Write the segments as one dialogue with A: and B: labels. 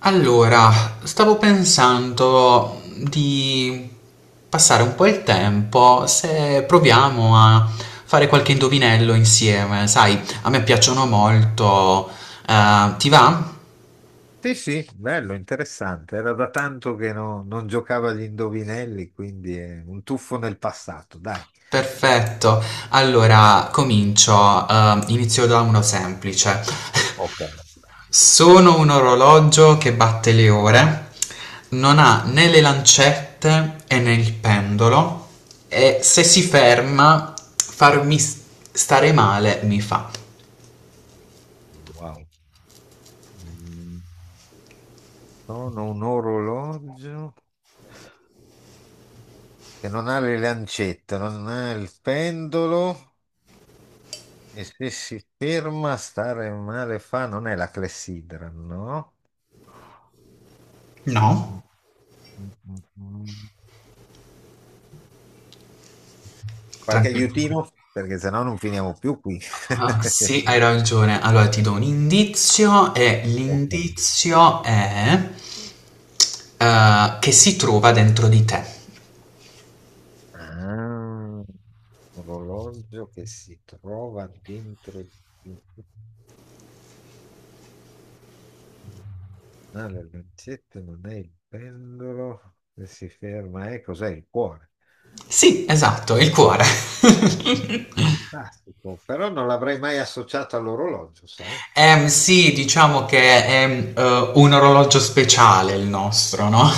A: Allora, stavo pensando di passare un po' il tempo se proviamo a fare qualche indovinello insieme. Sai, a me piacciono molto. Ti va?
B: Sì, sì, bello, interessante. Era da tanto che non giocavo agli indovinelli, quindi è un tuffo nel passato, dai.
A: Perfetto. Allora, comincio. Inizio da uno semplice.
B: Ok.
A: Sono un orologio che batte le ore, non ha né le lancette e né il pendolo e se si ferma stare male mi fa.
B: Wow. Mm, Sono un orologio che non ha le lancette, non ha il pendolo e se si ferma stare male fa, non è la clessidra, no? Mm,
A: No,
B: mm, mm, mm. Qualche
A: tranquillo.
B: aiutino? Perché sennò non finiamo più qui.
A: Ah, sì, hai ragione. Allora ti do un indizio e
B: Ok.
A: l'indizio è che si trova dentro di te.
B: Ah. Orologio che si trova dentro di- ah, le lancette, non è il pendolo che si ferma, cos'è il cuore?
A: Sì, esatto, il cuore.
B: Fantastico, però non l'avrei mai associato all'orologio, sai?
A: Sì, diciamo che è un orologio speciale il nostro, no?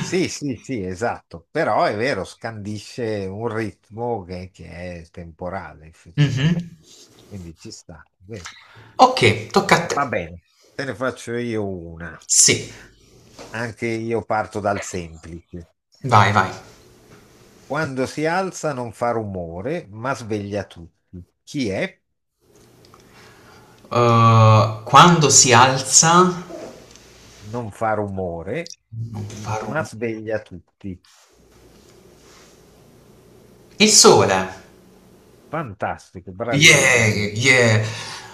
B: Sì, sì, sì, esatto, però è vero, scandisce un ritmo che è temporale
A: Mhm.
B: effettivamente, quindi ci sta, è vero.
A: Ok, tocca a te.
B: Va bene, te ne faccio io una,
A: Sì,
B: anche io parto dal semplice.
A: vai, vai.
B: Quando si alza non fa rumore, ma sveglia tutti. Chi è?
A: Quando si alza,
B: Non fa rumore,
A: non fa
B: ma
A: rumore.
B: sveglia tutti.
A: Il sole.
B: Fantastico,
A: Yeah,
B: bravissimo.
A: yeah.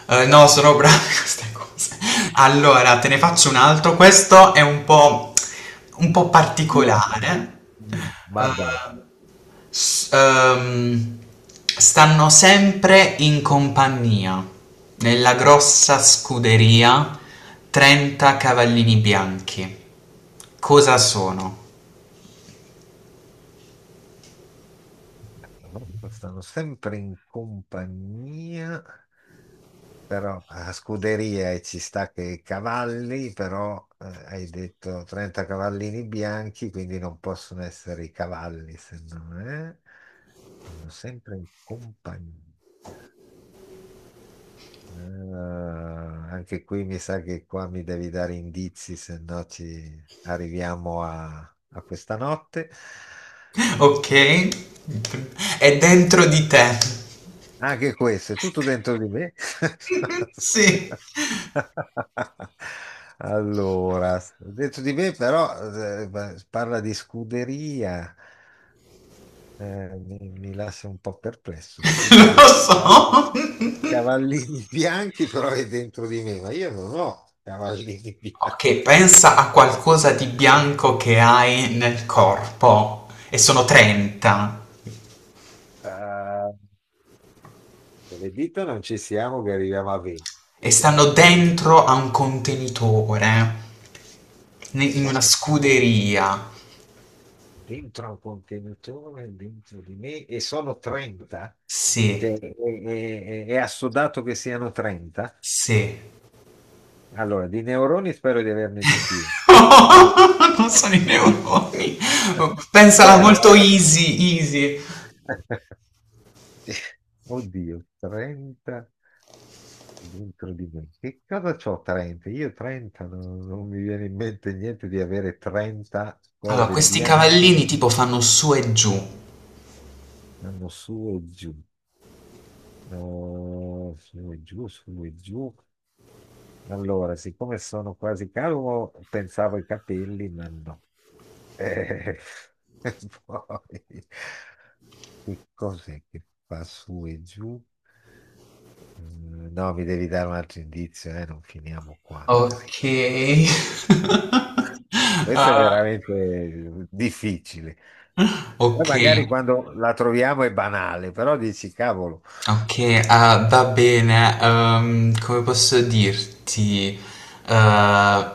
A: No, sono brava in queste cose. Allora, te ne faccio un altro. Questo è un po', Un po'
B: Più ospiti.
A: particolare.
B: Mm, Vabbè.
A: Eh, s- ehm, Stanno sempre in compagnia, nella grossa scuderia, 30 cavallini bianchi. Cosa sono?
B: Comunque stanno sempre in compagnia, però a scuderia e ci sta che i cavalli, però hai detto 30 cavallini bianchi, quindi non possono essere i cavalli, se no eh? Stanno sempre in compagnia. Eh, Anche qui mi sa che qua mi devi dare indizi, se no ci arriviamo a questa notte.
A: Ok? È dentro di te.
B: Anche questo, è tutto dentro di me.
A: Sì,
B: Allora, dentro di me però eh, parla di scuderia. Mi lascia un po' perplesso,
A: lo
B: scuderia. I
A: so.
B: cavallini bianchi però è dentro di me, ma io non ho cavallini bianchi.
A: Ok, pensa a qualcosa di bianco che hai nel corpo e sono 30
B: Eh, con le dita non ci siamo che arriviamo a 20.
A: e
B: Eh,
A: stanno
B: mm,
A: dentro a un contenitore in una
B: Sono tanti.
A: scuderia.
B: Dentro un contenitore, dentro di me, e sono 30,
A: Sì,
B: cioè, è assodato che siano 30.
A: sì.
B: Allora, di neuroni spero di averne di più. Eh,
A: Non sono i neuroni. Pensala
B: Vero,
A: molto
B: eh.
A: easy, easy.
B: Oddio, 30 dentro di me. Che cosa c'ho 30? Io 30, non mi viene in mente niente di avere 30
A: Allora,
B: cose
A: questi cavallini
B: bianche.
A: tipo fanno su e giù.
B: Andiamo su e giù. Su e giù, su e giù. Allora, siccome sono quasi calvo, pensavo ai capelli, ma no. Eh, e poi, che cos'è che fa su e giù? Mm, no, mi devi dare un altro indizio, non finiamo qua, dai.
A: Ok.
B: Questo è
A: Ah,
B: veramente difficile. Poi
A: ok.
B: magari quando la troviamo è banale, però dici, cavolo,
A: Okay, ah, va bene, come posso dirti? Eh,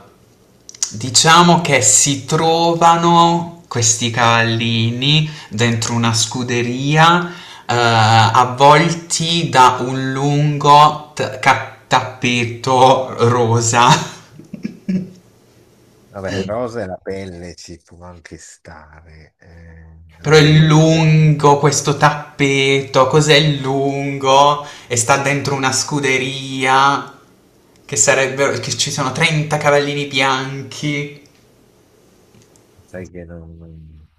A: diciamo che si trovano questi cavallini dentro una scuderia, avvolti da un lungo tappeto rosa.
B: vabbè, rosa e la pelle ci può anche stare, eh.
A: Però è lungo questo tappeto, cos'è lungo? E sta dentro una scuderia, che sarebbero, che ci sono 30 cavallini bianchi.
B: Sai che non, non-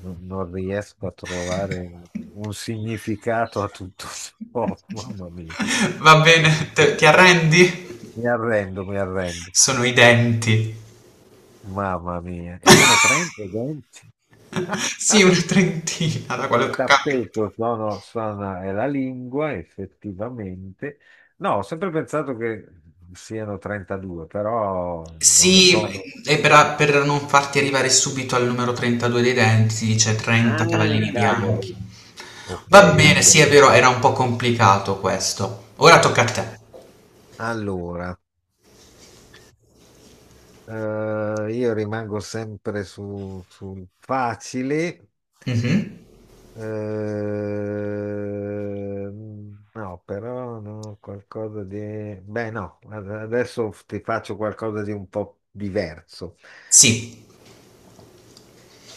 B: non- non riesco a trovare un significato a tutto ciò, mamma mia.
A: Va bene, ti arrendi?
B: Mi arrendo, mi arrendo.
A: Sono i denti.
B: Mamma mia. E sono 30 denti.
A: Sì, una trentina da quello
B: Il
A: che ho capito.
B: tappeto, no, no, è la lingua, effettivamente. No, ho sempre pensato che siano 32, però non
A: Sì,
B: sono.
A: e per non farti arrivare subito al numero 32 dei denti, dice 30
B: Ah,
A: cavallini
B: cavolo.
A: bianchi.
B: Ok,
A: Va bene,
B: ok.
A: sì, è vero, era un po' complicato questo. Ora tocca a te.
B: Allora. Eh, io rimango sempre sul facile.
A: Mhm.
B: No, però no, qualcosa di. Beh, no, adesso ti faccio qualcosa di un po' diverso.
A: Sì.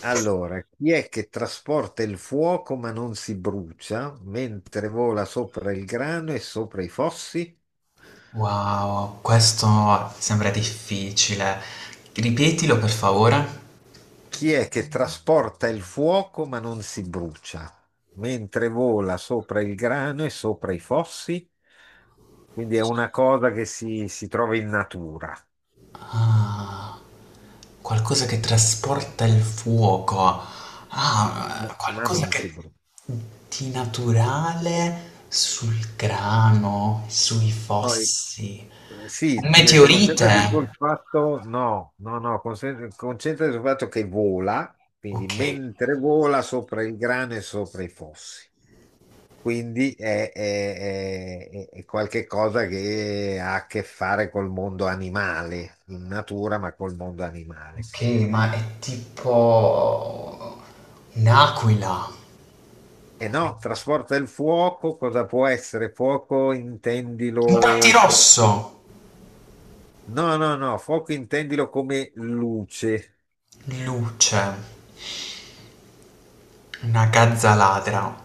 B: Allora, chi è che trasporta il fuoco ma non si brucia, mentre vola sopra il grano e sopra i fossi?
A: Wow, questo sembra difficile. Ripetilo per favore.
B: Chi è che trasporta il fuoco ma non si brucia, mentre vola sopra il grano e sopra i fossi? Quindi è una cosa che si trova in natura,
A: Ah, qualcosa che trasporta il fuoco.
B: ma
A: Ah,
B: ma
A: qualcosa
B: non
A: che
B: si brucia.
A: di naturale sul grano, sui
B: Poi,
A: fossi. Un
B: sì, concentrati
A: meteorite.
B: sul fatto, no, no, no, concentrati sul fatto che vola, quindi
A: Ok.
B: mentre vola sopra il grano e sopra i fossi. Quindi è qualche cosa che ha a che fare col mondo animale, in natura, ma col mondo animale.
A: Ok, ma è tipo un'aquila,
B: E no, trasporta il fuoco, cosa può essere? Fuoco
A: un
B: intendilo.
A: rosso
B: No, no, no, fuoco intendilo come luce.
A: luce, una gazza ladra.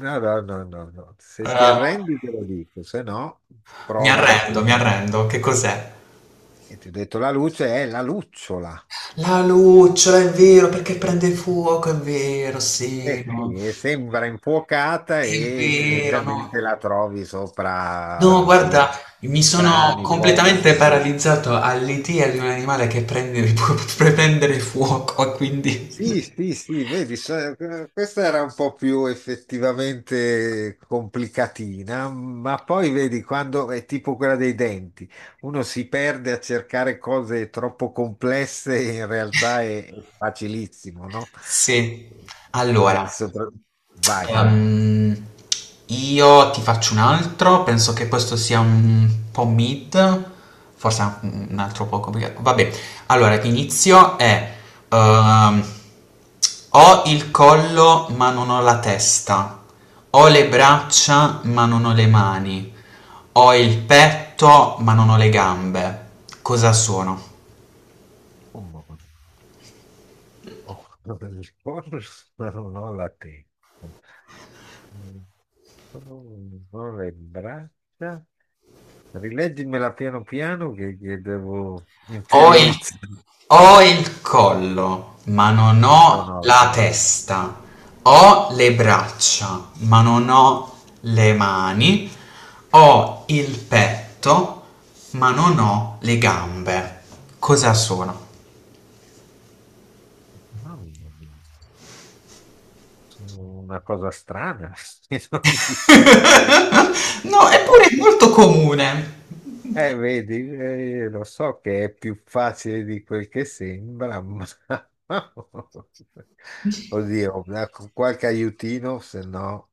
B: No, no, no, no, no. Se ti
A: Eh,
B: arrendi te lo dico, se no prova
A: mi
B: ancora.
A: arrendo, che cos'è?
B: E ti ho detto la luce è la lucciola.
A: La lucciola, è vero, perché prende fuoco, è vero, sì,
B: Eh
A: no,
B: sì, e sembra infuocata
A: è
B: e
A: vero, no.
B: tendenzialmente la trovi
A: No,
B: sopra, sì,
A: guarda, mi sono
B: grani,
A: completamente
B: pozzi.
A: paralizzato all'idea di un animale che prende, può prendere fuoco, quindi...
B: Sì, sì, sì, vedi, questa era un po' più effettivamente complicatina, ma poi vedi quando è tipo quella dei denti, uno si perde a cercare cose troppo complesse, in realtà è facilissimo, no?
A: Sì,
B: E
A: allora...
B: sopra- Vai.
A: Ehm, io ti faccio un altro, penso che questo sia un po' mid, forse anche un altro po' complicato. Vabbè, allora l'inizio è ehm, ho il collo ma non ho la testa, ho le braccia ma non ho le mani, ho il petto ma non ho le gambe. Cosa sono?
B: Un momento. Oh, il corpo, però non la testa. Mm. Oh, non le braccia. Rileggimela piano piano che devo
A: Ho il
B: interiorizzare.
A: Ho il collo, ma non
B: No,
A: ho
B: no, la
A: la
B: testa.
A: testa. Ho le braccia, ma non ho le mani. Ho il petto, ma non ho le gambe. Cosa sono?
B: Mamma mia, sono una cosa strana.
A: No, eppure
B: Wow,
A: è
B: sì.
A: molto comune.
B: Vedi, lo so che è più facile di quel che sembra, ma oddio, ecco, qualche aiutino, se no.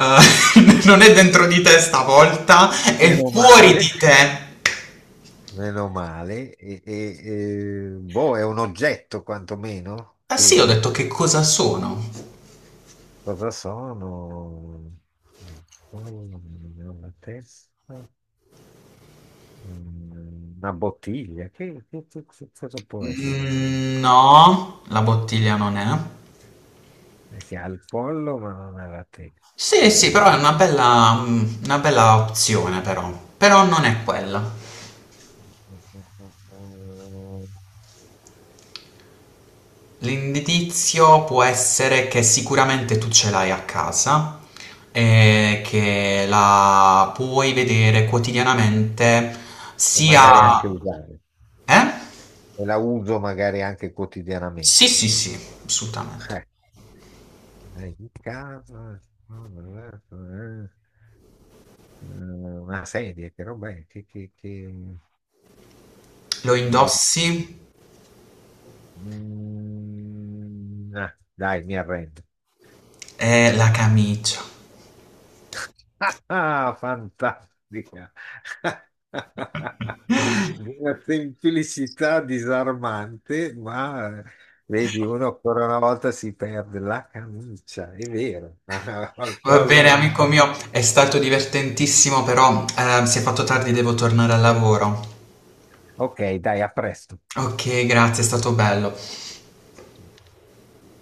A: Eh, non è dentro di te stavolta, è
B: Meno
A: fuori
B: male,
A: di te.
B: meno male, boh, è un oggetto quantomeno,
A: Eh sì, ho
B: sì.
A: detto che cosa sono.
B: Cosa sono? Una testa? Una bottiglia? Che cosa può essere?
A: Mm, no, la bottiglia non è.
B: Perché ha il collo ma non ha la testa.
A: Sì, sì,
B: Eh,
A: però è una bella, mm, una bella opzione però. Però non è quella. L'indizio può essere che sicuramente tu ce l'hai a casa e che la puoi vedere quotidianamente
B: E
A: sia...
B: magari anche
A: Indossarla?
B: usare.
A: Eh?
B: E la uso magari anche
A: Sì, sì,
B: quotidianamente.
A: sì, assolutamente.
B: Eh, in casa, no, eh, eh, una sedia, che roba è?
A: Lo
B: Eh,
A: indossi,
B: dai, mi arrendo.
A: è la camicia.
B: Ah, fantastica! Una semplicità disarmante, ma vedi, uno ancora una volta si perde la camicia, è vero. Al
A: Va
B: collo,
A: bene, amico
B: no.
A: mio, è stato divertentissimo, però si è fatto tardi, devo tornare al lavoro.
B: Ok, dai, a presto.
A: Ok, grazie, è stato bello.